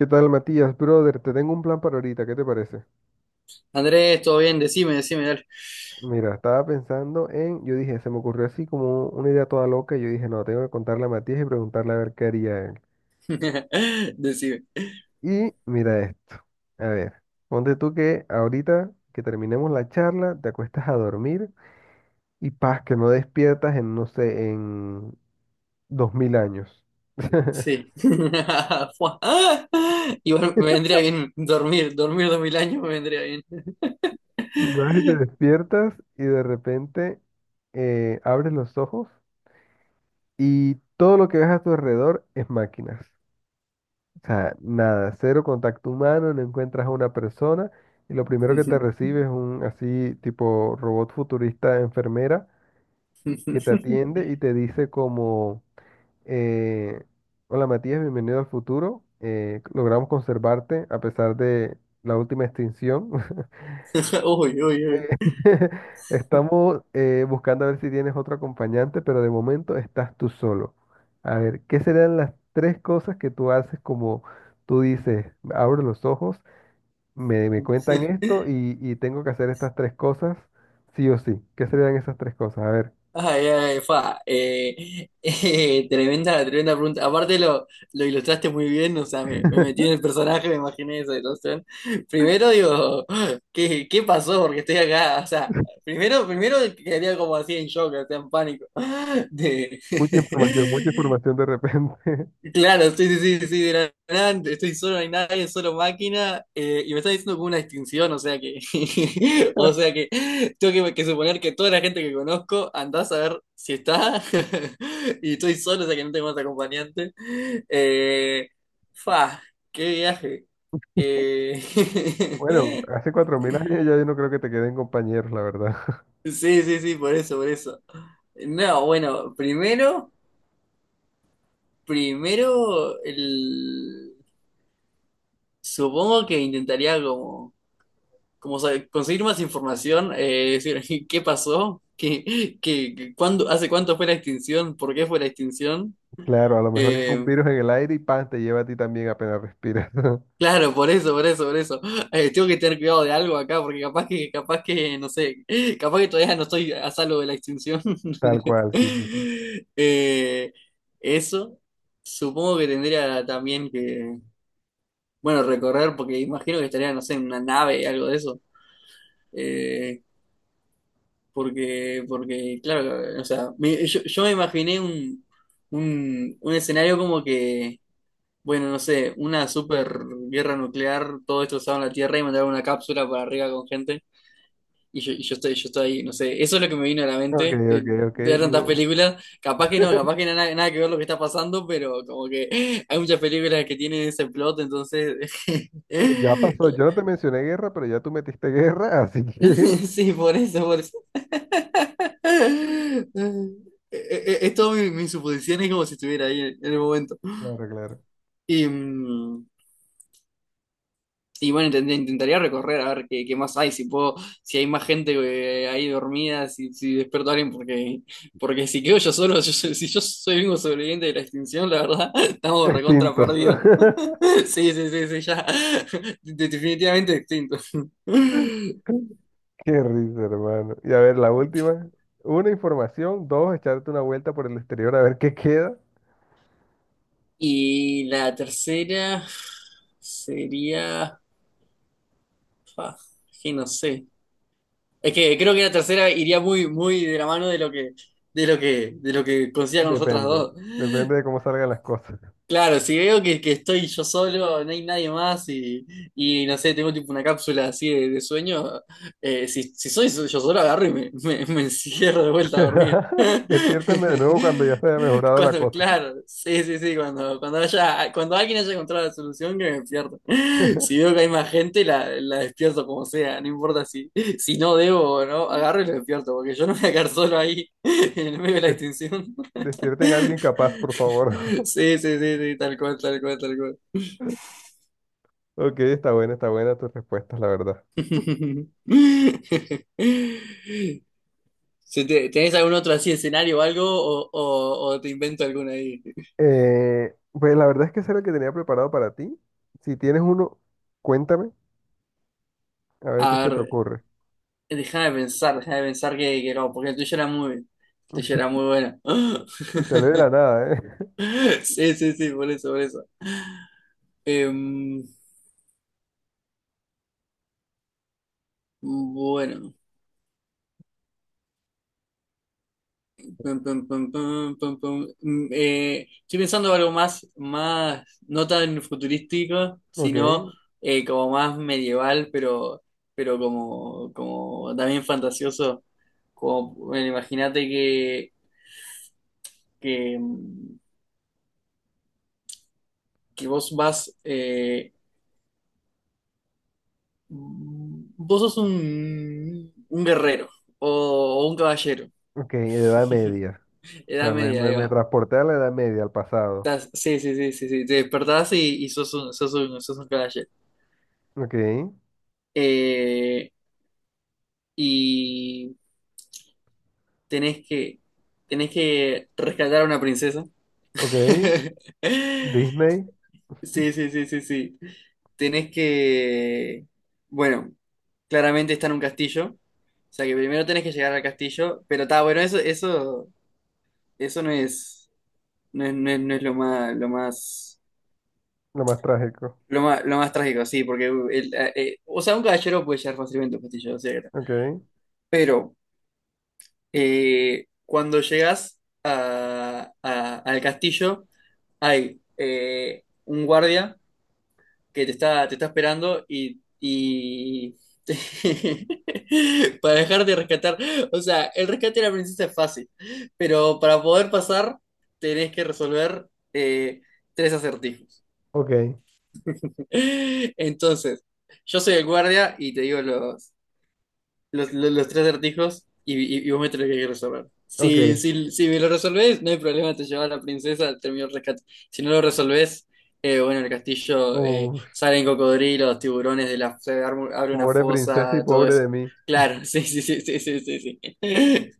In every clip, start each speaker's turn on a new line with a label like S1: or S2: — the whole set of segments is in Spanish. S1: ¿Qué tal, Matías? Brother, te tengo un plan para ahorita, ¿qué te parece?
S2: Andrés, todo bien, decime, decime, dale.
S1: Mira, estaba pensando yo dije, se me ocurrió así como una idea toda loca, y yo dije, no, tengo que contarle a Matías y preguntarle a ver qué haría él.
S2: Decime.
S1: Y mira esto, a ver, ponte tú que ahorita que terminemos la charla, te acuestas a dormir y paz, que no despiertas en, no sé, en 2.000 años.
S2: Sí. Fua. Ah, igual me vendría bien dormir, dormir 2000 años me vendría bien.
S1: Y vas y te despiertas y de repente abres los ojos y todo lo que ves a tu alrededor es máquinas. O sea, nada, cero contacto humano, no encuentras a una persona y lo primero que te recibe es un así tipo robot futurista enfermera que te atiende y te dice como, eh, hola Matías, bienvenido al futuro, logramos conservarte a pesar de la última extinción.
S2: Uy, uy,
S1: Eh,
S2: uy.
S1: Estamos buscando a ver si tienes otro acompañante, pero de momento estás tú solo. A ver, ¿qué serán las tres cosas que tú haces como tú dices, abro los ojos? Me cuentan esto y tengo que hacer estas tres cosas, sí o sí. ¿Qué serían esas tres cosas? A ver,
S2: Ay, ay, fa. Tremenda, tremenda pregunta. Aparte lo ilustraste muy bien, o sea, me metí en el personaje, me imaginé esa situación. Primero digo, ¿qué pasó? Porque estoy acá, o sea, primero quedaría como así en shock, o sea, en pánico. De-
S1: mucha información de repente.
S2: Claro, sí, sí, sí, sí, de la nada, estoy solo, no hay nadie, solo máquina, y me está diciendo como una distinción, o sea que, o sea que tengo que suponer que toda la gente que conozco andás a ver si está, y estoy solo, o sea que no tengo más acompañante. Eh, Fa, qué viaje. Eh,
S1: Bueno, hace 4.000 años ya yo no creo que te queden compañeros, la verdad.
S2: sí, sí, sí, por eso, por eso. No, bueno, primero, supongo que intentaría como sabe, conseguir más información, decir qué pasó, qué, cuándo, hace cuánto fue la extinción, por qué fue la extinción.
S1: Claro, a lo mejor es un
S2: Eh,
S1: virus en el aire y pan, te lleva a ti también apenas respiras.
S2: claro, por eso, por eso, por eso. Tengo que tener cuidado de algo acá, porque capaz que, no sé, capaz que todavía no estoy a salvo de la extinción.
S1: Tal cual, sí, sí, sí.
S2: Eh, Eso, supongo que tendría también que, bueno, recorrer, porque imagino que estaría, no sé, en una nave, algo de eso. Eh, porque, claro, o sea, yo me imaginé un escenario como que, bueno, no sé, una super guerra nuclear, todo destrozado en la Tierra y mandar una cápsula para arriba con gente. Y yo estoy ahí, no sé, eso es lo que me vino a la
S1: Ok,
S2: mente de,
S1: ok, ok.
S2: de ver tantas películas. Capaz que no, nada, nada que ver lo que está pasando, pero como que hay muchas películas que tienen ese plot, entonces.
S1: Pues ya pasó, yo no te mencioné guerra, pero ya tú metiste guerra, así que.
S2: Sí, por eso, por eso. Eh, Es todo mis suposiciones como si estuviera ahí en el momento.
S1: Claro, claro.
S2: Y, mm, y bueno, intentaría recorrer a ver qué más hay, si puedo, si hay más gente ahí dormida, si despierto a alguien, porque si quedo yo solo, si yo soy el único sobreviviente de la extinción, la verdad, estamos recontra
S1: Extintos.
S2: perdidos. Sí, sí, sí, sí, ya. Definitivamente extinto.
S1: Qué risa, hermano. Y a ver, la última. Una, información. Dos, echarte una vuelta por el exterior a ver qué queda.
S2: Y la tercera sería, ah, que no sé. Es que creo que la tercera iría muy, muy de la mano de lo que consiga con las otras
S1: Depende.
S2: dos.
S1: Depende de cómo salgan las cosas.
S2: Claro, si veo que estoy yo solo, no hay nadie más y no sé, tengo tipo una cápsula así de sueño, si, si soy so-, yo solo agarro y me encierro de vuelta a dormir.
S1: Despiértenme de nuevo cuando ya se haya mejorado la cosa.
S2: Claro, sí, sí, sí, cuando alguien haya encontrado la solución, que me despierto. Si veo que hay más gente, la despierto como sea, no importa si no debo o no, agarro y lo despierto, porque yo no me voy a quedar solo ahí en el medio de la
S1: Des-
S2: extinción.
S1: Despierten a alguien capaz, por favor.
S2: Sí, sí, sí, sí, tal cual, tal cual, tal cual.
S1: Ok, está buena tus respuestas, la verdad.
S2: Si te- ¿Tenés algún otro así escenario o algo? O te invento alguna ahí.
S1: Pues la verdad es que ese era el que tenía preparado para ti. Si tienes uno, cuéntame, a ver qué
S2: A
S1: se te
S2: ver,
S1: ocurre.
S2: deja de pensar que no, porque el tuyo era muy bueno.
S1: Y te lee de la nada, ¿eh?
S2: Sí, sí, sí, por eso, por eso. Em, bueno. Pum, pum, pum, pum, pum, pum. Estoy pensando en algo más, más, no tan futurístico,
S1: Ok,
S2: sino como más medieval, pero como también fantasioso. Como, bueno, imagínate que, que, mm, que vos sos un guerrero o, o un caballero.
S1: ok, Edad Media. O
S2: Edad
S1: sea, me,
S2: Media,
S1: me,
S2: ahí
S1: me
S2: va.
S1: transporté a la Edad Media, al pasado.
S2: Sí, sí, sí, sí, sí. Te despertás y sos un caballero.
S1: Ok,
S2: Eh, y tenés que, tenés que rescatar a una princesa.
S1: ok. Disney,
S2: Sí, sí, sí, sí, sí. Tenés que, bueno, claramente está en un castillo. O sea que primero tenés que llegar al castillo, pero está bueno, eso no es, no es lo más,
S1: lo más trágico.
S2: lo más trágico, sí, porque o sea, un caballero puede llegar fácilmente a un castillo, o sea, está.
S1: Ok,
S2: Pero cuando llegas al castillo, hay un guardia que te está esperando para dejarte rescatar. O sea, el rescate de la princesa es fácil, pero para poder pasar tenés que resolver eh, tres acertijos.
S1: ok,
S2: Entonces, yo soy el guardia y te digo los tres acertijos y vos me tenés que resolver. Si,
S1: ok.
S2: si, si me lo resolvés, no hay problema, te llevas a la princesa, termino el rescate. Si no lo resolvés, bueno, el castillo
S1: Uf,
S2: salen cocodrilos, tiburones, de la, se arma- abre una
S1: pobre princesa y
S2: fosa, todo
S1: pobre
S2: eso.
S1: de mí.
S2: Claro, sí, sí, sí, sí, sí, sí. Sí.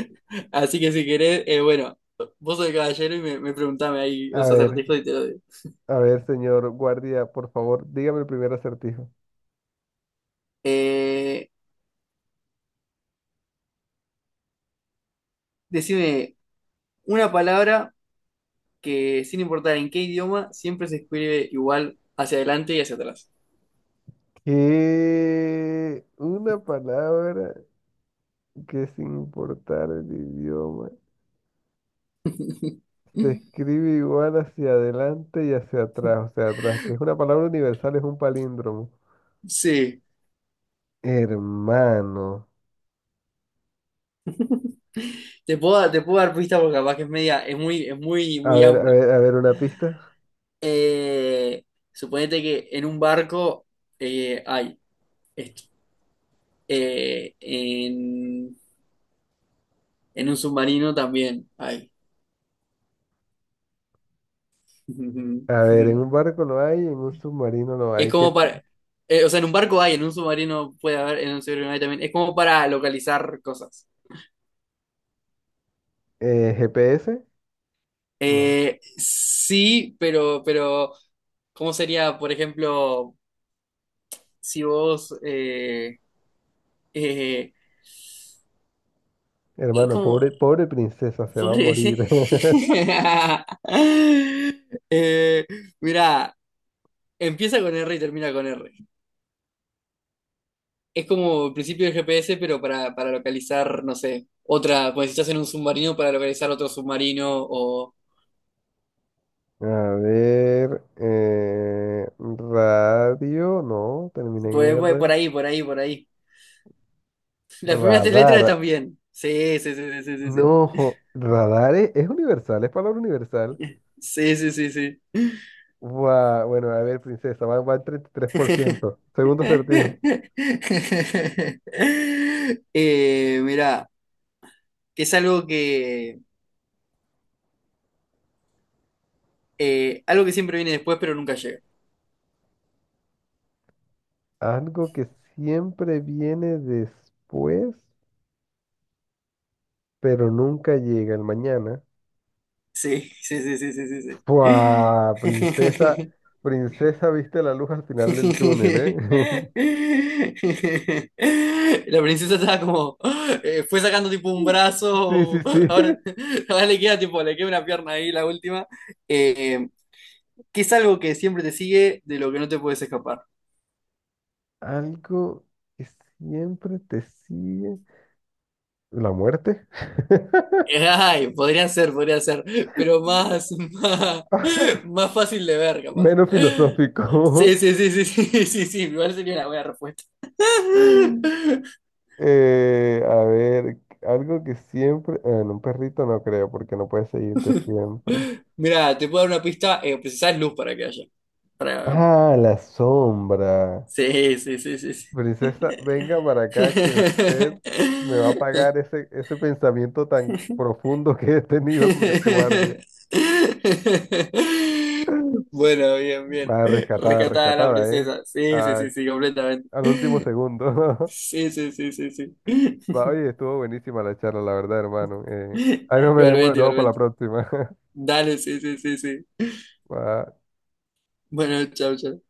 S2: Así que si querés, bueno, vos sos el caballero y me preguntame ahí
S1: A
S2: los
S1: ver,
S2: acertijos y te lo digo.
S1: a ver, señor guardia, por favor, dígame el primer acertijo.
S2: Eh, Decime una palabra que sin importar en qué idioma, siempre se escribe igual hacia adelante y hacia atrás.
S1: Que una palabra que sin importar el idioma se escribe igual hacia adelante y hacia atrás, o sea, atrás, que es una palabra universal, es un palíndromo.
S2: Sí,
S1: Hermano.
S2: te puedo dar pistas porque capaz que es muy,
S1: A
S2: muy
S1: ver, a
S2: amplio.
S1: ver, a ver una pista.
S2: Eh, Suponete que en un barco hay esto. Eh, en, en un submarino también hay.
S1: A ver, en un barco lo hay, en un submarino lo
S2: Es
S1: hay. ¿Qué
S2: como
S1: ti-
S2: para, o sea, en un barco hay, en un submarino puede haber, en un submarino no hay también. Es como para localizar cosas.
S1: eh, GPS? No.
S2: Sí, ¿cómo sería, por ejemplo, si vos, eh,
S1: Hermano,
S2: como,
S1: pobre, pobre princesa, se va a
S2: pobre
S1: morir.
S2: ese? Eh, Mira, empieza con R y termina con R. Es como el principio del GPS, pero para localizar, no sé, otra, cuando estás en un submarino, para localizar otro submarino, o
S1: A ver, radio, no, termina en
S2: por, por por
S1: R.
S2: ahí, por ahí, por ahí. Las primeras tres letras
S1: Radar,
S2: están bien. Sí, sí, sí, sí, sí,
S1: no,
S2: sí.
S1: radar es universal, es palabra universal.
S2: Sí, sí, sí, sí, sí.
S1: Guau, bueno, a ver, princesa, va al treinta y tres por ciento Segundo acertijo.
S2: Mirá, que es algo que siempre viene después, pero nunca llega.
S1: Algo que siempre viene después, pero nunca llega el mañana.
S2: Sí, sí, sí, sí, sí, sí, sí.
S1: ¡Fua! Princesa, princesa, viste la luz al final del túnel, ¿eh?
S2: La princesa estaba como, fue sacando tipo un
S1: Sí, sí,
S2: brazo,
S1: sí.
S2: ahora, ahora le queda tipo, le queda una pierna ahí, la última, eh, que es algo que siempre te sigue, de lo que no te puedes escapar.
S1: Algo que siempre te sigue. ¿La muerte?
S2: Ay, podría ser, pero más, más, más fácil de ver, capaz.
S1: Menos filosófico.
S2: Sí, sí, sí, sí, sí, sí, sí, igual sería una buena respuesta.
S1: A ver, algo que siempre. En un perrito no creo, porque no puede seguirte siempre.
S2: Mira, te puedo dar una pista, precisás luz para que haya. Para.
S1: Ah, la sombra.
S2: Sí, sí, sí, sí, sí.
S1: Princesa, venga para acá que usted me va a pagar ese pensamiento tan profundo que he tenido con este guardia.
S2: Bueno, bien, bien.
S1: Va rescatada,
S2: Rescatada la
S1: rescatada, ¿eh?
S2: princesa. Sí, sí,
S1: A-
S2: sí, sí, completamente.
S1: Al último segundo.
S2: Sí, sí, sí, sí, sí.
S1: Va, oye, estuvo buenísima la charla, la verdad, hermano. Ahí nos veremos de
S2: Igualmente,
S1: nuevo para la
S2: igualmente.
S1: próxima.
S2: Dale, sí, sí, sí, sí.
S1: Va.
S2: Bueno, chao, chao.